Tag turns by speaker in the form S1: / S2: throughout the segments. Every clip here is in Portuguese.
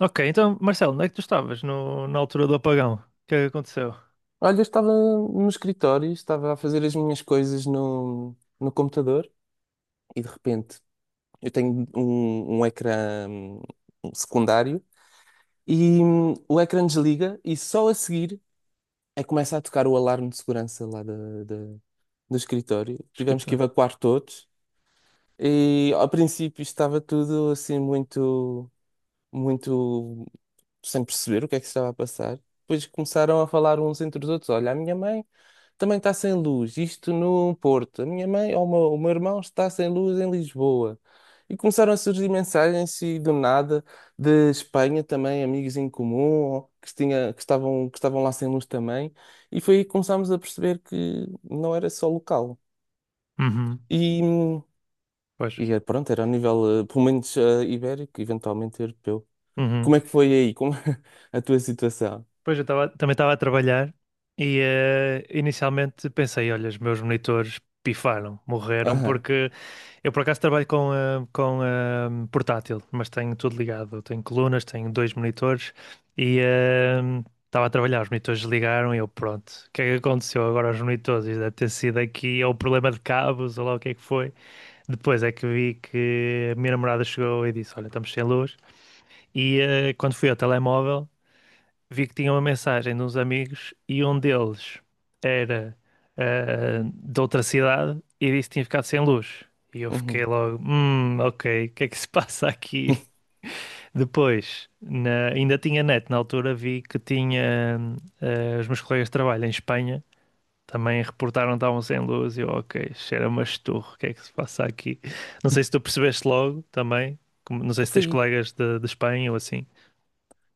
S1: Ok, então, Marcelo, onde é que tu estavas no, na altura do apagão? O que é que aconteceu?
S2: Olha, eu estava no escritório, estava a fazer as minhas coisas no computador e de repente eu tenho um ecrã secundário e o ecrã desliga e só a seguir é que começa a tocar o alarme de segurança lá do escritório. Tivemos que
S1: Esquita.
S2: evacuar todos e ao princípio estava tudo assim muito sem perceber o que é que se estava a passar. Depois começaram a falar uns entre os outros. Olha, a minha mãe também está sem luz, isto no Porto. A minha mãe ou o meu irmão está sem luz em Lisboa. E começaram a surgir mensagens e do nada de Espanha também, amigos em comum, que estavam lá sem luz também. E foi aí que começámos a perceber que não era só local.
S1: Uhum.
S2: E,
S1: Pois.
S2: e é, pronto, era a nível, pelo menos, ibérico, eventualmente europeu.
S1: Uhum.
S2: Como é que foi aí? Como a tua situação?
S1: Pois eu tava, também estava a trabalhar e inicialmente pensei, olha, os meus monitores pifaram, morreram,
S2: Aham.
S1: porque eu por acaso trabalho com portátil, mas tenho tudo ligado. Tenho colunas, tenho dois monitores e estava a trabalhar, os monitores ligaram e eu pronto. O que é que aconteceu agora aos monitores? Deve ter sido aqui ou problema de cabos ou lá o que é que foi. Depois é que vi que a minha namorada chegou e disse: "Olha, estamos sem luz." E quando fui ao telemóvel, vi que tinha uma mensagem de uns amigos e um deles era de outra cidade e disse que tinha ficado sem luz. E eu fiquei
S2: Uhum.
S1: logo: "Hum, ok, o que é que se passa aqui?" Depois, ainda tinha net, na altura vi que tinha os meus colegas de trabalho em Espanha também reportaram que estavam sem luz e eu, ok, cheira-me a esturro, o que é que se passa aqui? Não sei se tu percebeste logo também, não sei se tens
S2: Foi.
S1: colegas de Espanha ou assim.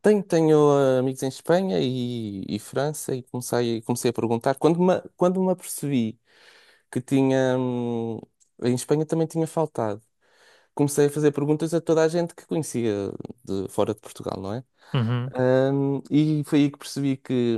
S2: Tenho, tenho amigos em Espanha e França e comecei a perguntar. Quando me apercebi que tinha, em Espanha também tinha faltado, comecei a fazer perguntas a toda a gente que conhecia de fora de Portugal, não é?
S1: Uhum.
S2: E foi aí que percebi que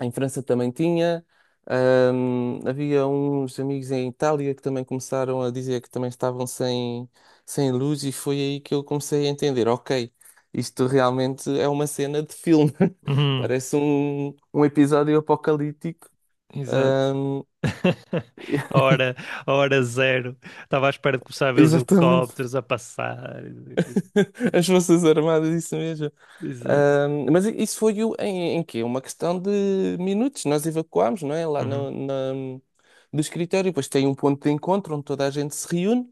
S2: em França também tinha. Havia uns amigos em Itália que também começaram a dizer que também estavam sem luz, e foi aí que eu comecei a entender: ok, isto realmente é uma cena de filme,
S1: Uhum.
S2: parece um episódio apocalíptico.
S1: Exato.
S2: Ahm,
S1: A hora, a hora zero. Estava à espera de começar a ver os
S2: exatamente,
S1: helicópteros a passar.
S2: as Forças Armadas, isso mesmo.
S1: Exato.
S2: Mas isso foi o- em, em quê? Uma questão de minutos. Nós evacuámos, não é? Lá
S1: Uhum.
S2: no, na- do escritório. Depois tem um ponto de encontro onde toda a gente se reúne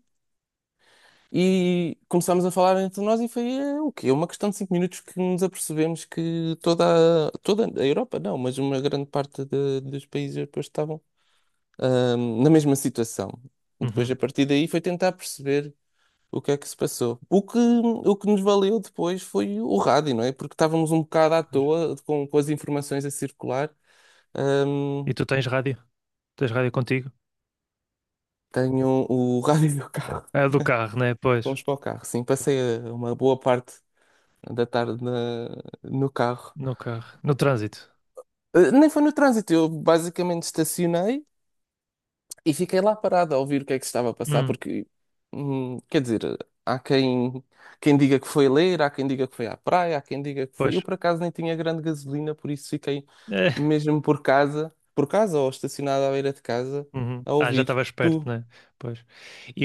S2: e começámos a falar entre nós e foi o quê? Uma questão de cinco minutos que nos apercebemos que toda, a- toda a Europa, não, mas uma grande parte de- dos países europeus estavam, na mesma situação.
S1: Uhum.
S2: Depois, a partir daí, foi tentar perceber o que é que se passou? O que nos valeu depois foi o rádio, não é? Porque estávamos um bocado à
S1: Pois.
S2: toa com as informações a circular.
S1: E
S2: Ahm,
S1: tu tens rádio? Tens rádio contigo?
S2: tenho o rádio do carro.
S1: É do carro, né? Pois.
S2: Fomos para o carro, sim. Passei uma boa parte da tarde no carro.
S1: No carro. No trânsito.
S2: Nem foi no trânsito, eu basicamente estacionei e fiquei lá parado a ouvir o que é que se estava a passar,
S1: Hum.
S2: porque, quer dizer, há quem diga que foi ler, há quem diga que foi à praia, há quem diga que
S1: Pois.
S2: foi. Eu, por acaso, nem tinha grande gasolina, por isso fiquei mesmo por casa ou estacionado à beira de casa,
S1: Uhum.
S2: a
S1: Ah, já
S2: ouvir.
S1: estava esperto,
S2: Tu,
S1: né? Pois.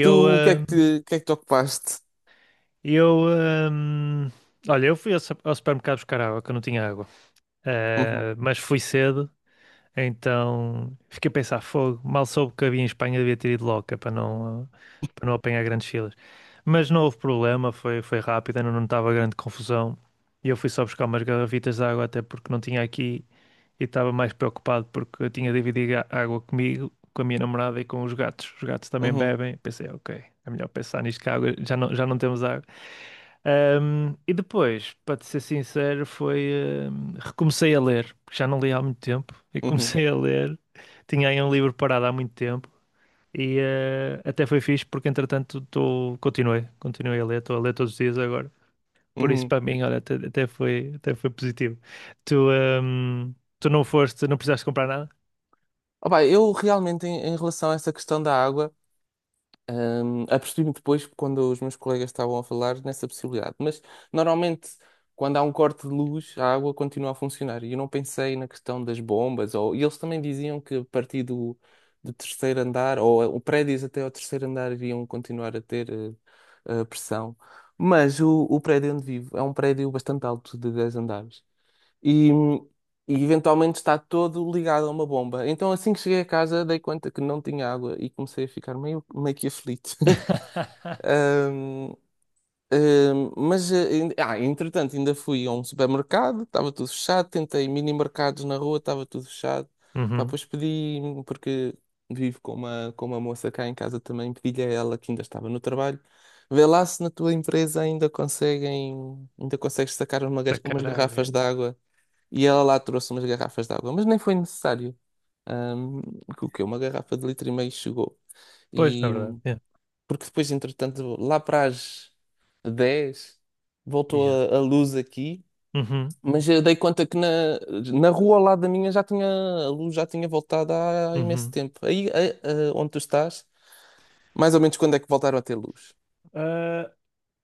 S2: tu, o que é
S1: ah,
S2: que o que é que te ocupaste?
S1: eu, ah, olha, eu fui ao ao supermercado buscar água, que eu não tinha água.
S2: Uhum,
S1: Ah, mas fui cedo, então fiquei a pensar, fogo, mal soube que havia em Espanha, devia ter ido logo, que é para não, ah, para não apanhar grandes filas. Mas não houve problema, foi rápido, ainda não estava grande confusão. E eu fui só buscar umas garrafitas de água, até porque não tinha aqui e estava mais preocupado porque eu tinha dividido a água comigo, com a minha namorada e com os gatos. Os gatos também
S2: uhum,
S1: bebem. Pensei, ok, é melhor pensar nisto que a água, já não temos água. E depois, para te ser sincero, foi. Ahm, recomecei a ler, porque já não li há muito tempo, e
S2: uhum,
S1: comecei a ler. Tinha aí um livro parado há muito tempo. E até foi fixe porque entretanto continuei a ler, estou a ler todos os dias agora. Por isso
S2: uhum.
S1: para mim, olha, até foi positivo. Tu, tu não foste, não precisaste comprar nada?
S2: Opa, eu realmente, em relação a essa questão da água. Apercebi-me depois quando os meus colegas estavam a falar nessa possibilidade. Mas normalmente, quando há um corte de luz, a água continua a funcionar. E eu não pensei na questão das bombas. Ou... E eles também diziam que a partir do terceiro andar, ou o prédios até ao terceiro andar, iriam continuar a ter pressão. Mas o prédio onde vivo é um prédio bastante alto, de 10 andares e, e eventualmente está todo ligado a uma bomba. Então assim que cheguei a casa dei conta que não tinha água e comecei a ficar meio que aflito. Mas entretanto, ainda fui a um supermercado, estava tudo fechado, tentei mini mercados na rua, estava tudo fechado. Pá,
S1: Uhum.
S2: depois pedi, porque vivo com com uma moça cá em casa também, pedi-lhe a ela que ainda estava no trabalho. Vê lá se na tua empresa ainda ainda consegues sacar
S1: Tá
S2: umas
S1: caro.
S2: garrafas de água e ela lá trouxe umas garrafas de água, mas nem foi necessário. Ahm, que o quê? Uma garrafa de litro e meio chegou.
S1: Pois, na
S2: E
S1: verdade. Yeah.
S2: porque depois, entretanto, lá para as 10
S1: Yeah.
S2: voltou a luz aqui,
S1: Uhum.
S2: mas eu dei conta que na rua ao lado da minha já tinha, a luz já tinha voltado há imenso
S1: Uhum.
S2: tempo. Aí, onde tu estás, mais ou menos quando é que voltaram a ter luz?
S1: Ah,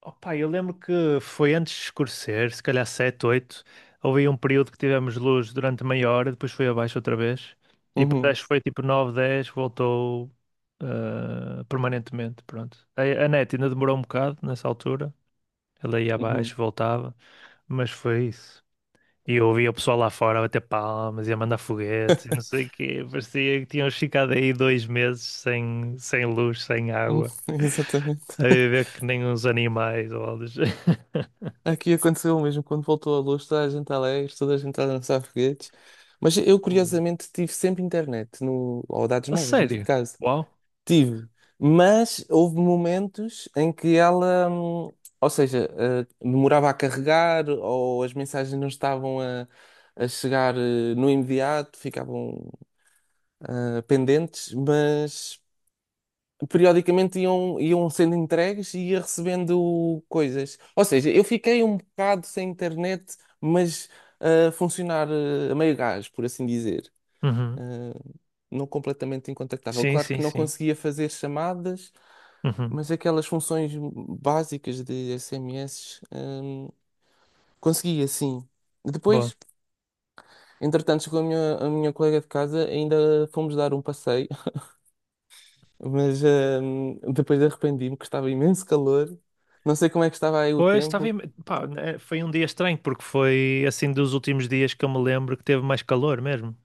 S1: opa, eu lembro que foi antes de escurecer, se calhar 7, 8. Houve aí um período que tivemos luz durante meia hora, depois foi abaixo outra vez. E depois
S2: Uhum,
S1: acho que foi tipo 9, 10, voltou permanentemente, pronto. A net ainda demorou um bocado nessa altura. Ela ia abaixo,
S2: uhum,
S1: voltava, mas foi isso. E eu ouvia o pessoal lá fora a bater palmas e a mandar foguetes e não sei o quê. Parecia que tinham ficado aí 2 meses sem luz, sem
S2: uhum,
S1: água,
S2: exatamente.
S1: a viver que nem uns animais ou algo do género.
S2: Aqui aconteceu o mesmo, quando voltou a luz, toda a gente alegre, toda a gente a dançar foguetes. Mas eu,
S1: Hum.
S2: curiosamente, tive sempre internet, no, ou dados
S1: A
S2: móveis,
S1: sério?
S2: neste caso.
S1: Uau.
S2: Tive. Mas houve momentos em que ela, ou seja, demorava a carregar, ou as mensagens não estavam a chegar no imediato, ficavam pendentes, mas periodicamente iam sendo entregues e ia recebendo coisas. Ou seja, eu fiquei um bocado sem internet, mas a funcionar a meio gás, por assim dizer.
S1: Uhum.
S2: Eh, não completamente incontactável.
S1: Sim,
S2: Claro
S1: sim,
S2: que não
S1: sim.
S2: conseguia fazer chamadas,
S1: Uhum.
S2: mas aquelas funções básicas de SMS, conseguia sim.
S1: Bom.
S2: Depois, entretanto, chegou a a minha colega de casa, ainda fomos dar um passeio. Mas depois arrependi-me que estava imenso calor. Não sei como é que estava aí o
S1: Pois, estava...
S2: tempo.
S1: Pá, né, foi um dia estranho, porque foi assim dos últimos dias que eu me lembro que teve mais calor mesmo.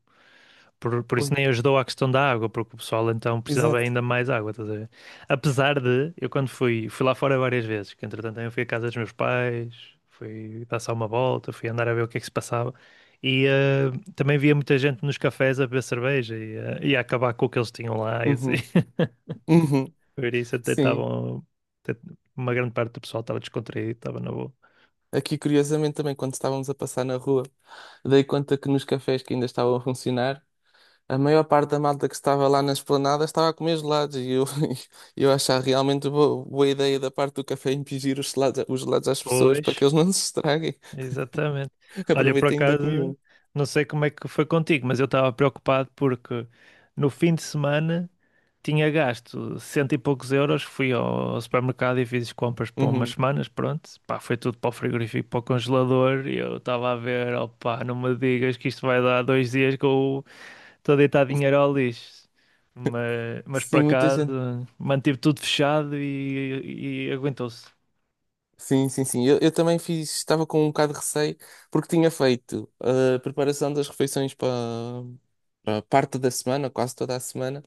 S1: Por, por
S2: Foi.
S1: isso nem ajudou à questão da água, porque o pessoal então precisava
S2: Exato.
S1: ainda mais água, estás a ver? Apesar de, eu quando fui lá fora várias vezes, que entretanto eu fui à casa dos meus pais, fui dar só uma volta, fui andar a ver o que é que se passava. E também via muita gente nos cafés a beber cerveja e a acabar com o que eles tinham lá e assim.
S2: Uhum. Uhum.
S1: Por isso até
S2: Sim.
S1: estavam. Até uma grande parte do pessoal estava descontraído, estava na boa.
S2: Aqui, curiosamente, também, quando estávamos a passar na rua, dei conta que nos cafés que ainda estavam a funcionar, a maior parte da malta que estava lá na esplanada estava a comer gelados. E eu, eu achava realmente boa ideia da parte do café impingir os gelados às pessoas para
S1: Pois,
S2: que eles não se estraguem.
S1: exatamente. Olha, por
S2: aproveitei e ainda comi
S1: acaso,
S2: um.
S1: não sei como é que foi contigo, mas eu estava preocupado porque no fim de semana tinha gasto cento e poucos euros. Fui ao supermercado e fiz compras para umas
S2: Uhum.
S1: semanas, pronto. Pá, foi tudo para o frigorífico, para o congelador. E eu estava a ver, opá, não me digas que isto vai dar 2 dias que eu estou deitado em Arolis, mas por
S2: Sim, muita gente.
S1: acaso mantive tudo fechado e aguentou-se.
S2: Sim, sim, sim. Eu também fiz, estava com um bocado de receio, porque tinha feito a preparação das refeições para parte da semana, quase toda a semana.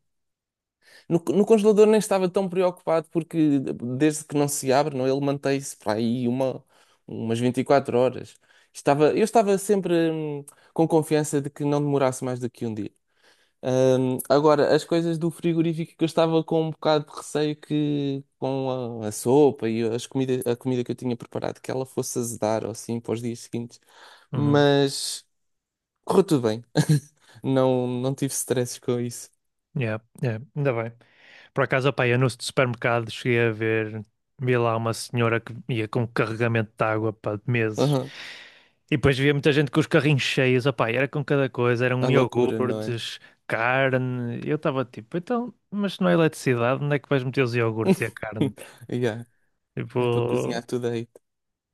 S2: No congelador nem estava tão preocupado, porque desde que não se abre, não, ele mantém-se para aí umas 24 horas. Estava, eu estava sempre com confiança de que não demorasse mais do que um dia. Agora, as coisas do frigorífico que eu estava com um bocado de receio que com a sopa e as a comida que eu tinha preparado que ela fosse azedar ou assim para os dias seguintes,
S1: Uhum.
S2: mas correu tudo bem. Não, não tive stresses com isso.
S1: Yeah, yeah, ainda bem. Por acaso, opa, eu no supermercado cheguei a ver, vi lá uma senhora que ia com um carregamento de água, pá, de meses.
S2: Aham.
S1: E depois via muita gente com os carrinhos cheios, opá, e era com cada coisa,
S2: A
S1: eram
S2: loucura, não é?
S1: iogurtes, carne. E eu estava tipo, então, mas se não é eletricidade, onde é que vais meter os iogurtes e a carne?
S2: Yeah. É para
S1: Tipo,
S2: cozinhar tudo aí.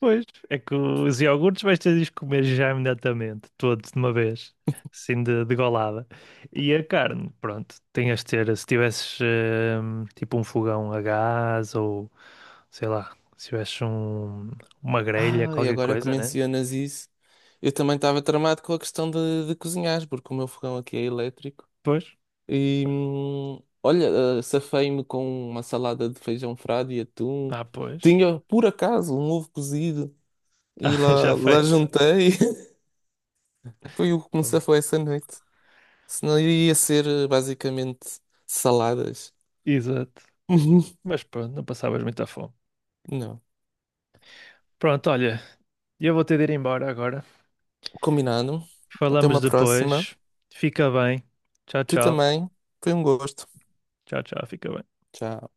S1: pois, é que os iogurtes vais ter de os comer já imediatamente, todos de uma vez, assim de golada. E a carne, pronto, tinhas de ter, se tivesses tipo um fogão a gás ou sei lá, se tivesses uma grelha,
S2: Ah, e
S1: qualquer
S2: agora que
S1: coisa, né?
S2: mencionas isso, eu também estava tramado com a questão de cozinhar, porque o meu fogão aqui é elétrico.
S1: Pois,
S2: E olha, safei-me com uma salada de feijão frade e atum.
S1: ah, pois,
S2: Tinha, por acaso, um ovo cozido e
S1: ah, já
S2: lá
S1: feito.
S2: juntei. Foi o que me safou essa noite. Senão eu ia ser basicamente saladas.
S1: Exato, mas pronto, não passavas muita fome.
S2: Uhum. Não.
S1: Pronto, olha, eu vou ter de ir embora agora.
S2: Combinado. Até
S1: Falamos
S2: uma próxima.
S1: depois, fica bem, tchau,
S2: Tu
S1: tchau,
S2: também. Foi um gosto.
S1: tchau, tchau, fica bem.
S2: Tchau.